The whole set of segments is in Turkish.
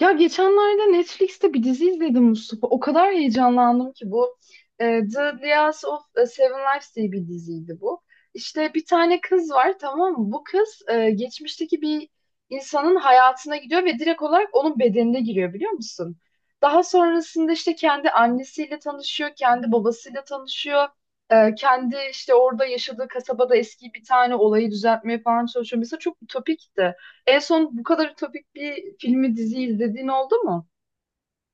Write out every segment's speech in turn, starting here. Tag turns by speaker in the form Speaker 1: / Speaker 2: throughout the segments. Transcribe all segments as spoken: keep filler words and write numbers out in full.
Speaker 1: Ya geçenlerde Netflix'te bir dizi izledim Mustafa. O kadar heyecanlandım ki bu e, The Lias of e, Seven Lives diye bir diziydi bu. İşte bir tane kız var, tamam mı? Bu kız e, geçmişteki bir insanın hayatına gidiyor ve direkt olarak onun bedenine giriyor, biliyor musun? Daha sonrasında işte kendi annesiyle tanışıyor, kendi babasıyla tanışıyor. E, kendi işte orada yaşadığı kasabada eski bir tane olayı düzeltmeye falan çalışıyor. Mesela çok ütopikti. En son bu kadar ütopik bir filmi dizi izlediğin oldu mu?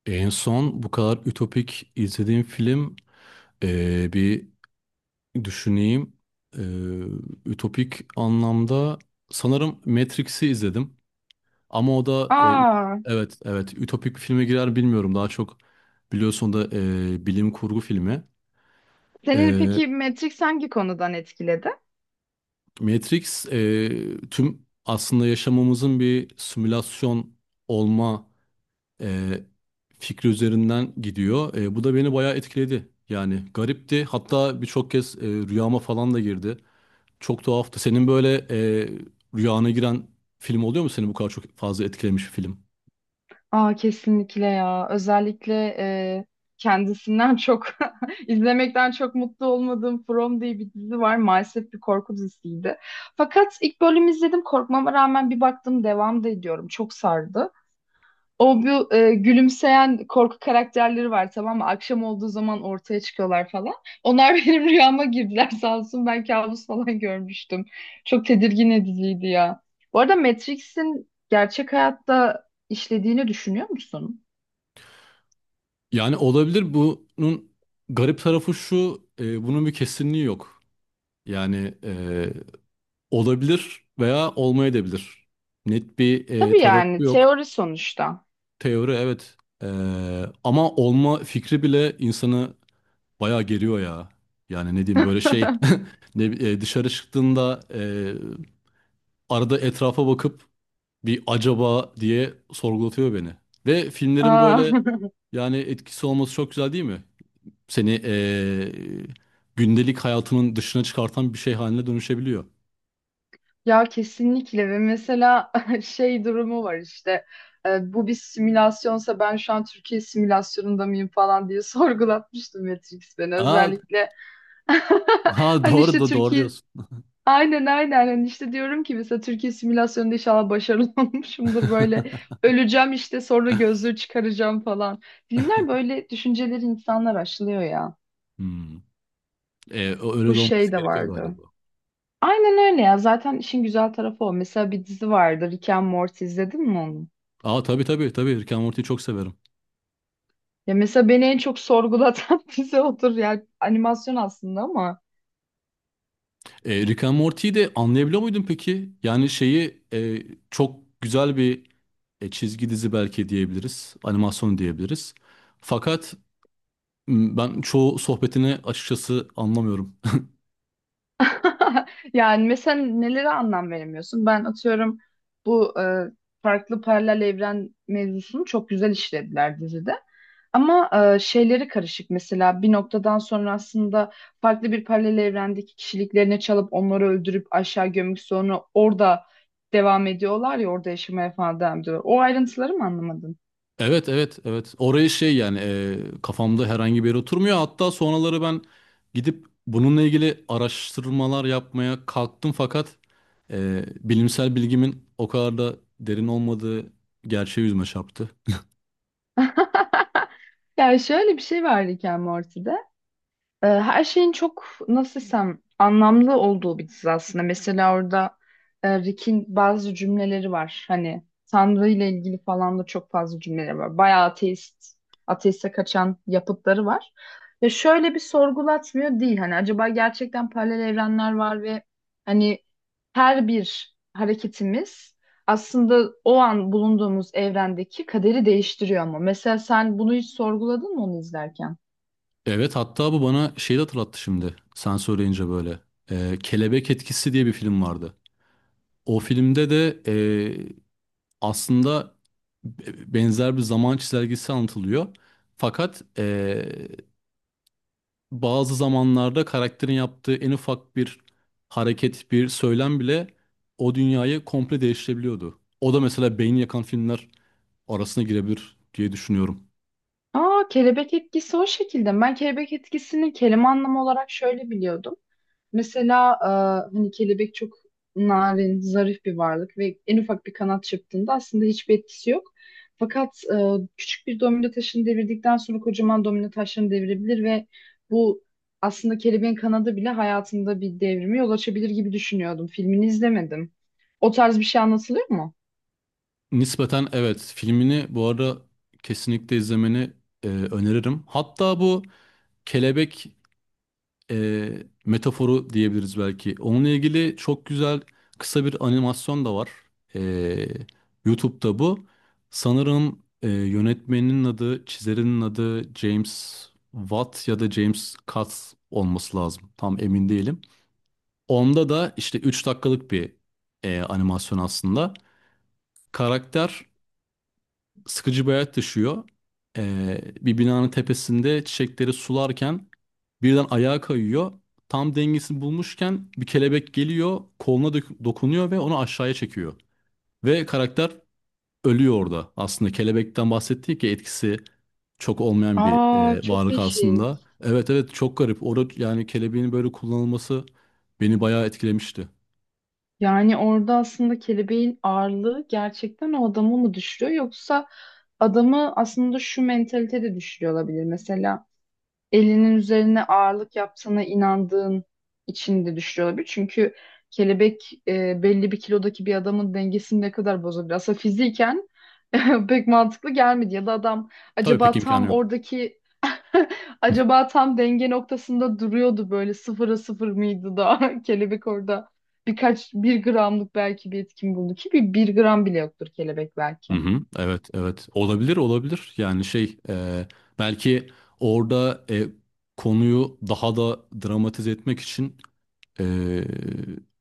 Speaker 2: En son bu kadar ütopik izlediğim film eee, bir düşüneyim. Eee, ütopik anlamda sanırım Matrix'i izledim. Ama o da e, ü-
Speaker 1: Aa,
Speaker 2: evet evet ütopik filme girer bilmiyorum. Daha çok biliyorsun da e, bilim kurgu filmi.
Speaker 1: senin
Speaker 2: Eee,
Speaker 1: peki Matrix hangi konudan etkiledi?
Speaker 2: Matrix e, tüm aslında yaşamımızın bir simülasyon olma e, fikri üzerinden gidiyor. E, bu da beni bayağı etkiledi. Yani garipti. Hatta birçok kez e, rüyama falan da girdi. Çok tuhaftı. Senin böyle e, rüyana giren film oluyor mu? Seni bu kadar çok fazla etkilemiş bir film.
Speaker 1: Aa, kesinlikle ya. Özellikle e, kendisinden çok izlemekten çok mutlu olmadığım From diye bir dizi var. Maalesef bir korku dizisiydi. Fakat ilk bölümü izledim. Korkmama rağmen bir baktım devam da ediyorum. Çok sardı. O bu e, gülümseyen korku karakterleri var, tamam mı? Akşam olduğu zaman ortaya çıkıyorlar falan. Onlar benim rüyama girdiler sağ olsun. Ben kabus falan görmüştüm. Çok tedirgin ediciydi ya. Bu arada Matrix'in gerçek hayatta işlediğini düşünüyor musun?
Speaker 2: Yani olabilir. Bunun garip tarafı şu. E, bunun bir kesinliği yok. Yani e, olabilir veya olmayabilir. Net bir e,
Speaker 1: Tabii
Speaker 2: tarafı
Speaker 1: yani
Speaker 2: yok.
Speaker 1: teori sonuçta.
Speaker 2: Teori evet. E, Ama olma fikri bile insanı bayağı geriyor ya. Yani ne diyeyim böyle şey ne, e, dışarı çıktığında e, arada etrafa bakıp bir acaba diye sorgulatıyor beni. Ve filmlerin
Speaker 1: Aa.
Speaker 2: böyle yani etkisi olması çok güzel değil mi? Seni e, gündelik hayatının dışına çıkartan bir şey haline dönüşebiliyor.
Speaker 1: Ya kesinlikle ve mesela şey durumu var işte, e, bu bir simülasyonsa ben şu an Türkiye simülasyonunda mıyım falan diye sorgulatmıştım Matrix beni
Speaker 2: Aa,
Speaker 1: özellikle.
Speaker 2: ha
Speaker 1: Hani
Speaker 2: doğru
Speaker 1: işte
Speaker 2: da doğru
Speaker 1: Türkiye
Speaker 2: diyorsun.
Speaker 1: aynen aynen hani işte diyorum ki mesela Türkiye simülasyonunda inşallah başarılı olmuşumdur böyle, öleceğim işte sonra gözlüğü çıkaracağım falan. Filmler böyle düşünceleri insanlar aşılıyor ya,
Speaker 2: Hmm. E, Öyle
Speaker 1: bu
Speaker 2: de
Speaker 1: şey
Speaker 2: olması
Speaker 1: de
Speaker 2: gerekiyor
Speaker 1: vardı.
Speaker 2: galiba.
Speaker 1: Aynen öyle ya. Zaten işin güzel tarafı o. Mesela bir dizi vardı. Rick and Morty izledin mi onu?
Speaker 2: Aa, tabii tabii tabii, Rick and Morty'yi çok severim.
Speaker 1: Ya mesela beni en çok sorgulatan dizi odur. Yani animasyon aslında ama.
Speaker 2: E, Rick and Morty'yi de anlayabiliyor muydun peki? Yani şeyi e, çok güzel bir e, çizgi dizi belki diyebiliriz. Animasyon diyebiliriz. Fakat m, ben çoğu sohbetini açıkçası anlamıyorum.
Speaker 1: Yani mesela nelere anlam veremiyorsun? Ben atıyorum bu e, farklı paralel evren mevzusunu çok güzel işlediler dizide. Ama e, şeyleri karışık mesela bir noktadan sonra aslında farklı bir paralel evrendeki kişiliklerini çalıp onları öldürüp aşağı gömüp sonra orada devam ediyorlar ya, orada yaşamaya falan devam ediyorlar. O ayrıntıları mı anlamadın?
Speaker 2: Evet evet evet. Oraya şey yani e, kafamda herhangi bir yere oturmuyor. Hatta sonraları ben gidip bununla ilgili araştırmalar yapmaya kalktım fakat e, bilimsel bilgimin o kadar da derin olmadığı gerçeği yüzüme çarptı.
Speaker 1: Ya şöyle bir şey var Rick and Morty'de. Ee, Her şeyin çok nasıl desem anlamlı olduğu bir dizi aslında. Mesela orada e, Rick'in bazı cümleleri var. Hani Tanrı ile ilgili falan da çok fazla cümleleri var. Bayağı ateist, ateiste kaçan yapıtları var. Ve şöyle bir sorgulatmıyor değil. Hani acaba gerçekten paralel evrenler var ve hani her bir hareketimiz aslında o an bulunduğumuz evrendeki kaderi değiştiriyor ama. Mesela sen bunu hiç sorguladın mı onu izlerken?
Speaker 2: Evet, hatta bu bana şeyi de hatırlattı şimdi. Sen söyleyince böyle. Ee, Kelebek Etkisi diye bir film vardı. O filmde de e, aslında be- benzer bir zaman çizelgesi anlatılıyor. Fakat e, bazı zamanlarda karakterin yaptığı en ufak bir hareket, bir söylem bile o dünyayı komple değiştirebiliyordu. O da mesela beyin yakan filmler arasına girebilir diye düşünüyorum.
Speaker 1: Aa, kelebek etkisi o şekilde. Ben kelebek etkisini kelime anlamı olarak şöyle biliyordum. Mesela e, hani kelebek çok narin, zarif bir varlık ve en ufak bir kanat çırptığında aslında hiçbir etkisi yok. Fakat e, küçük bir domino taşını devirdikten sonra kocaman domino taşlarını devirebilir ve bu aslında kelebeğin kanadı bile hayatında bir devrimi yol açabilir gibi düşünüyordum. Filmini izlemedim. O tarz bir şey anlatılıyor mu?
Speaker 2: Nispeten evet, filmini bu arada kesinlikle izlemeni e, öneririm. Hatta bu kelebek e, metaforu diyebiliriz belki. Onunla ilgili çok güzel kısa bir animasyon da var. E, YouTube'da bu. Sanırım e, yönetmeninin adı, çizerinin adı James Watt ya da James Katz olması lazım. Tam emin değilim. Onda da işte üç dakikalık bir e, animasyon aslında. Karakter sıkıcı bir hayat yaşıyor. Ee, bir binanın tepesinde çiçekleri sularken birden ayağa kayıyor. Tam dengesini bulmuşken bir kelebek geliyor, koluna dök- dokunuyor ve onu aşağıya çekiyor. Ve karakter ölüyor orada. Aslında kelebekten bahsettik ya, etkisi çok olmayan bir
Speaker 1: Aa,
Speaker 2: e,
Speaker 1: çok
Speaker 2: varlık
Speaker 1: değişik.
Speaker 2: aslında. Evet evet, çok garip. Orada yani kelebeğin böyle kullanılması beni bayağı etkilemişti.
Speaker 1: Yani orada aslında kelebeğin ağırlığı gerçekten o adamı mı düşürüyor, yoksa adamı aslında şu mentalite de düşürüyor olabilir. Mesela elinin üzerine ağırlık yaptığına inandığın için de düşürüyor olabilir. Çünkü kelebek e, belli bir kilodaki bir adamın dengesini ne kadar bozabilir. Aslında fiziken pek mantıklı gelmedi, ya da adam
Speaker 2: Tabii pek
Speaker 1: acaba
Speaker 2: imkanı
Speaker 1: tam
Speaker 2: yok.
Speaker 1: oradaki acaba tam denge noktasında duruyordu böyle sıfıra sıfır mıydı da kelebek orada birkaç bir gramlık belki bir etkin buldu ki bir, bir gram bile yoktur kelebek belki.
Speaker 2: Hı hı, evet evet olabilir olabilir yani şey e, belki orada e, konuyu daha da dramatize etmek için e,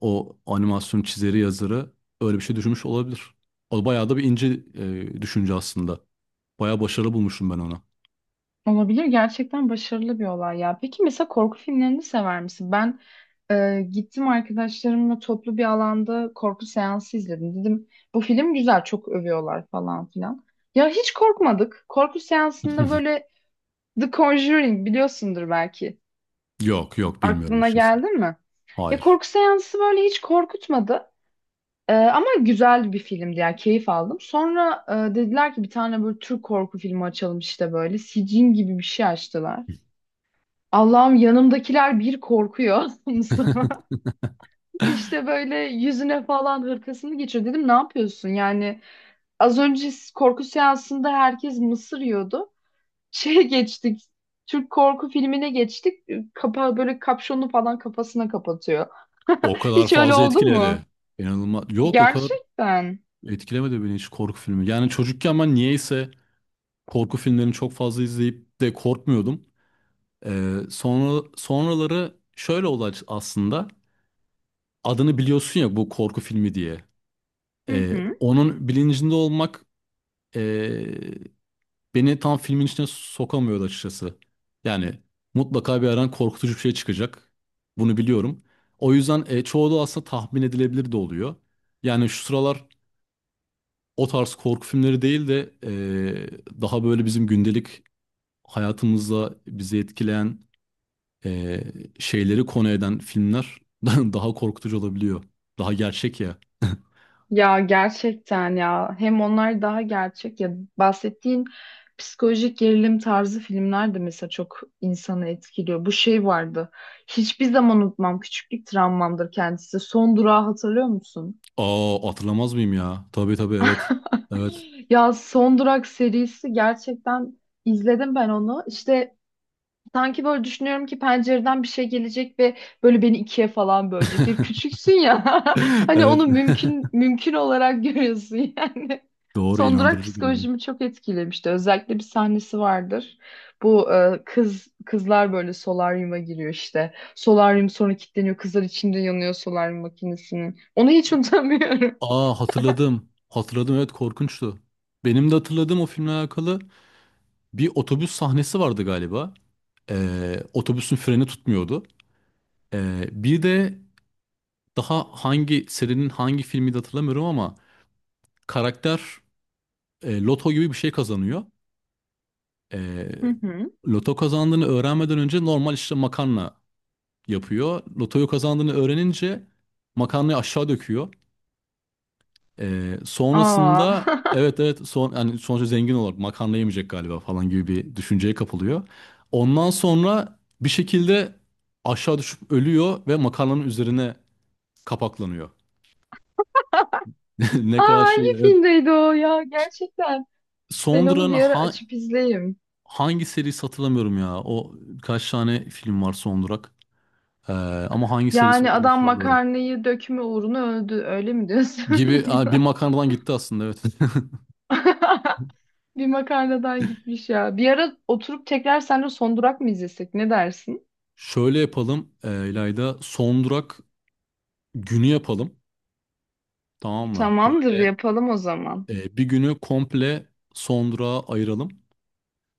Speaker 2: o animasyon çizeri yazarı öyle bir şey düşünmüş olabilir. O bayağı da bir ince e, düşünce aslında. Bayağı başarılı bulmuşum ben ona.
Speaker 1: Olabilir, gerçekten başarılı bir olay ya. Peki mesela korku filmlerini sever misin? Ben e, gittim arkadaşlarımla toplu bir alanda korku seansı izledim. Dedim bu film güzel çok övüyorlar falan filan. Ya hiç korkmadık. Korku seansında böyle The Conjuring biliyorsundur belki.
Speaker 2: Yok yok, bilmiyorum
Speaker 1: Aklına
Speaker 2: açıkçası.
Speaker 1: geldi mi? Ya
Speaker 2: Hayır.
Speaker 1: korku seansı böyle hiç korkutmadı. Ee, ama güzel bir filmdi yani keyif aldım. Sonra e, dediler ki bir tane böyle Türk korku filmi açalım işte böyle. Sicin gibi bir şey açtılar. Allah'ım yanımdakiler bir korkuyor Mustafa. İşte böyle yüzüne falan hırkasını geçiyor. Dedim ne yapıyorsun? Yani az önce korku seansında herkes mısır yiyordu. Şeye geçtik. Türk korku filmine geçtik. Kapağı böyle kapşonu falan kafasına kapatıyor.
Speaker 2: O kadar
Speaker 1: Hiç öyle
Speaker 2: fazla
Speaker 1: oldu mu?
Speaker 2: etkiledi. İnanılmaz. Yok, o kadar
Speaker 1: Gerçekten.
Speaker 2: etkilemedi beni hiç korku filmi. Yani çocukken ben niyeyse korku filmlerini çok fazla izleyip de korkmuyordum. Ee, sonra sonraları şöyle oldu aç- aslında. Adını biliyorsun ya bu korku filmi diye.
Speaker 1: Hı
Speaker 2: Ee,
Speaker 1: hı.
Speaker 2: onun bilincinde olmak ee, beni tam filmin içine sokamıyordu açıkçası. Yani mutlaka bir yerden korkutucu bir şey çıkacak. Bunu biliyorum. O yüzden e, çoğu da aslında tahmin edilebilir de oluyor. Yani şu sıralar o tarz korku filmleri değil de ee, daha böyle bizim gündelik hayatımızda bizi etkileyen e, şeyleri konu eden filmler daha korkutucu olabiliyor. Daha gerçek ya.
Speaker 1: Ya gerçekten ya. Hem onlar daha gerçek ya, bahsettiğin psikolojik gerilim tarzı filmler de mesela çok insanı etkiliyor. Bu şey vardı. Hiçbir zaman unutmam. Küçüklük travmamdır kendisi. Son Durağı hatırlıyor musun?
Speaker 2: Aa, hatırlamaz mıyım ya? Tabii tabii, evet. Evet.
Speaker 1: Ya Son Durak serisi, gerçekten izledim ben onu. İşte sanki böyle düşünüyorum ki pencereden bir şey gelecek ve böyle beni ikiye falan bölecek. Ya küçüksün ya. Hani
Speaker 2: Evet.
Speaker 1: onu mümkün mümkün olarak görüyorsun yani.
Speaker 2: Doğru,
Speaker 1: Son Durak
Speaker 2: inandırıcı geliyor.
Speaker 1: psikolojimi çok etkilemişti. Özellikle bir sahnesi vardır. Bu e, kız kızlar böyle solaryuma giriyor işte. Solaryum sonra kilitleniyor. Kızlar içinde yanıyor solaryum makinesinin. Onu hiç unutamıyorum.
Speaker 2: Aa, hatırladım. Hatırladım, evet, korkunçtu. Benim de hatırladığım o filmle alakalı bir otobüs sahnesi vardı galiba. Ee, otobüsün freni tutmuyordu. Ee, bir de daha hangi serinin hangi filmi de hatırlamıyorum ama karakter e, loto gibi bir şey kazanıyor. E,
Speaker 1: Hı hı.
Speaker 2: Loto kazandığını öğrenmeden önce normal işte makarna yapıyor. Lotoyu kazandığını öğrenince makarnayı aşağı döküyor. E,
Speaker 1: Aa.
Speaker 2: sonrasında evet evet son, yani sonuçta zengin olarak makarna yemeyecek galiba falan gibi bir düşünceye kapılıyor. Ondan sonra bir şekilde aşağı düşüp ölüyor ve makarnanın üzerine kapaklanıyor. Ne
Speaker 1: Aa,
Speaker 2: kadar şey,
Speaker 1: hangi
Speaker 2: evet.
Speaker 1: filmdeydi o ya? Gerçekten. Ben onu
Speaker 2: Sondra'nın
Speaker 1: bir ara
Speaker 2: ha.
Speaker 1: açıp izleyeyim.
Speaker 2: Hangi serisi hatırlamıyorum ya. O, kaç tane film var son durak. Ee, Ama hangi serisi
Speaker 1: Yani
Speaker 2: olduğunu
Speaker 1: adam
Speaker 2: hatırlamıyorum.
Speaker 1: makarnayı dökme uğruna öldü. Öyle mi diyorsun?
Speaker 2: Gibi. Aa, bir makarnadan gitti aslında, evet.
Speaker 1: Bir makarnadan gitmiş ya. Bir ara oturup tekrar seninle Son Durak mı izlesek? Ne dersin?
Speaker 2: Şöyle yapalım e, İlayda. Son durak günü yapalım. Tamam mı?
Speaker 1: Tamamdır,
Speaker 2: Böyle
Speaker 1: yapalım o zaman.
Speaker 2: e, bir günü komple son durağa ayıralım.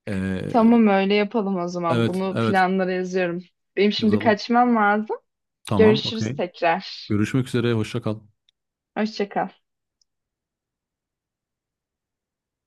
Speaker 2: Ee,
Speaker 1: Tamam öyle yapalım o zaman.
Speaker 2: evet
Speaker 1: Bunu
Speaker 2: evet
Speaker 1: planlara yazıyorum. Benim şimdi
Speaker 2: yazalım.
Speaker 1: kaçmam lazım.
Speaker 2: Tamam
Speaker 1: Görüşürüz
Speaker 2: okey.
Speaker 1: tekrar.
Speaker 2: Görüşmek üzere, hoşça kal.
Speaker 1: Hoşça kal.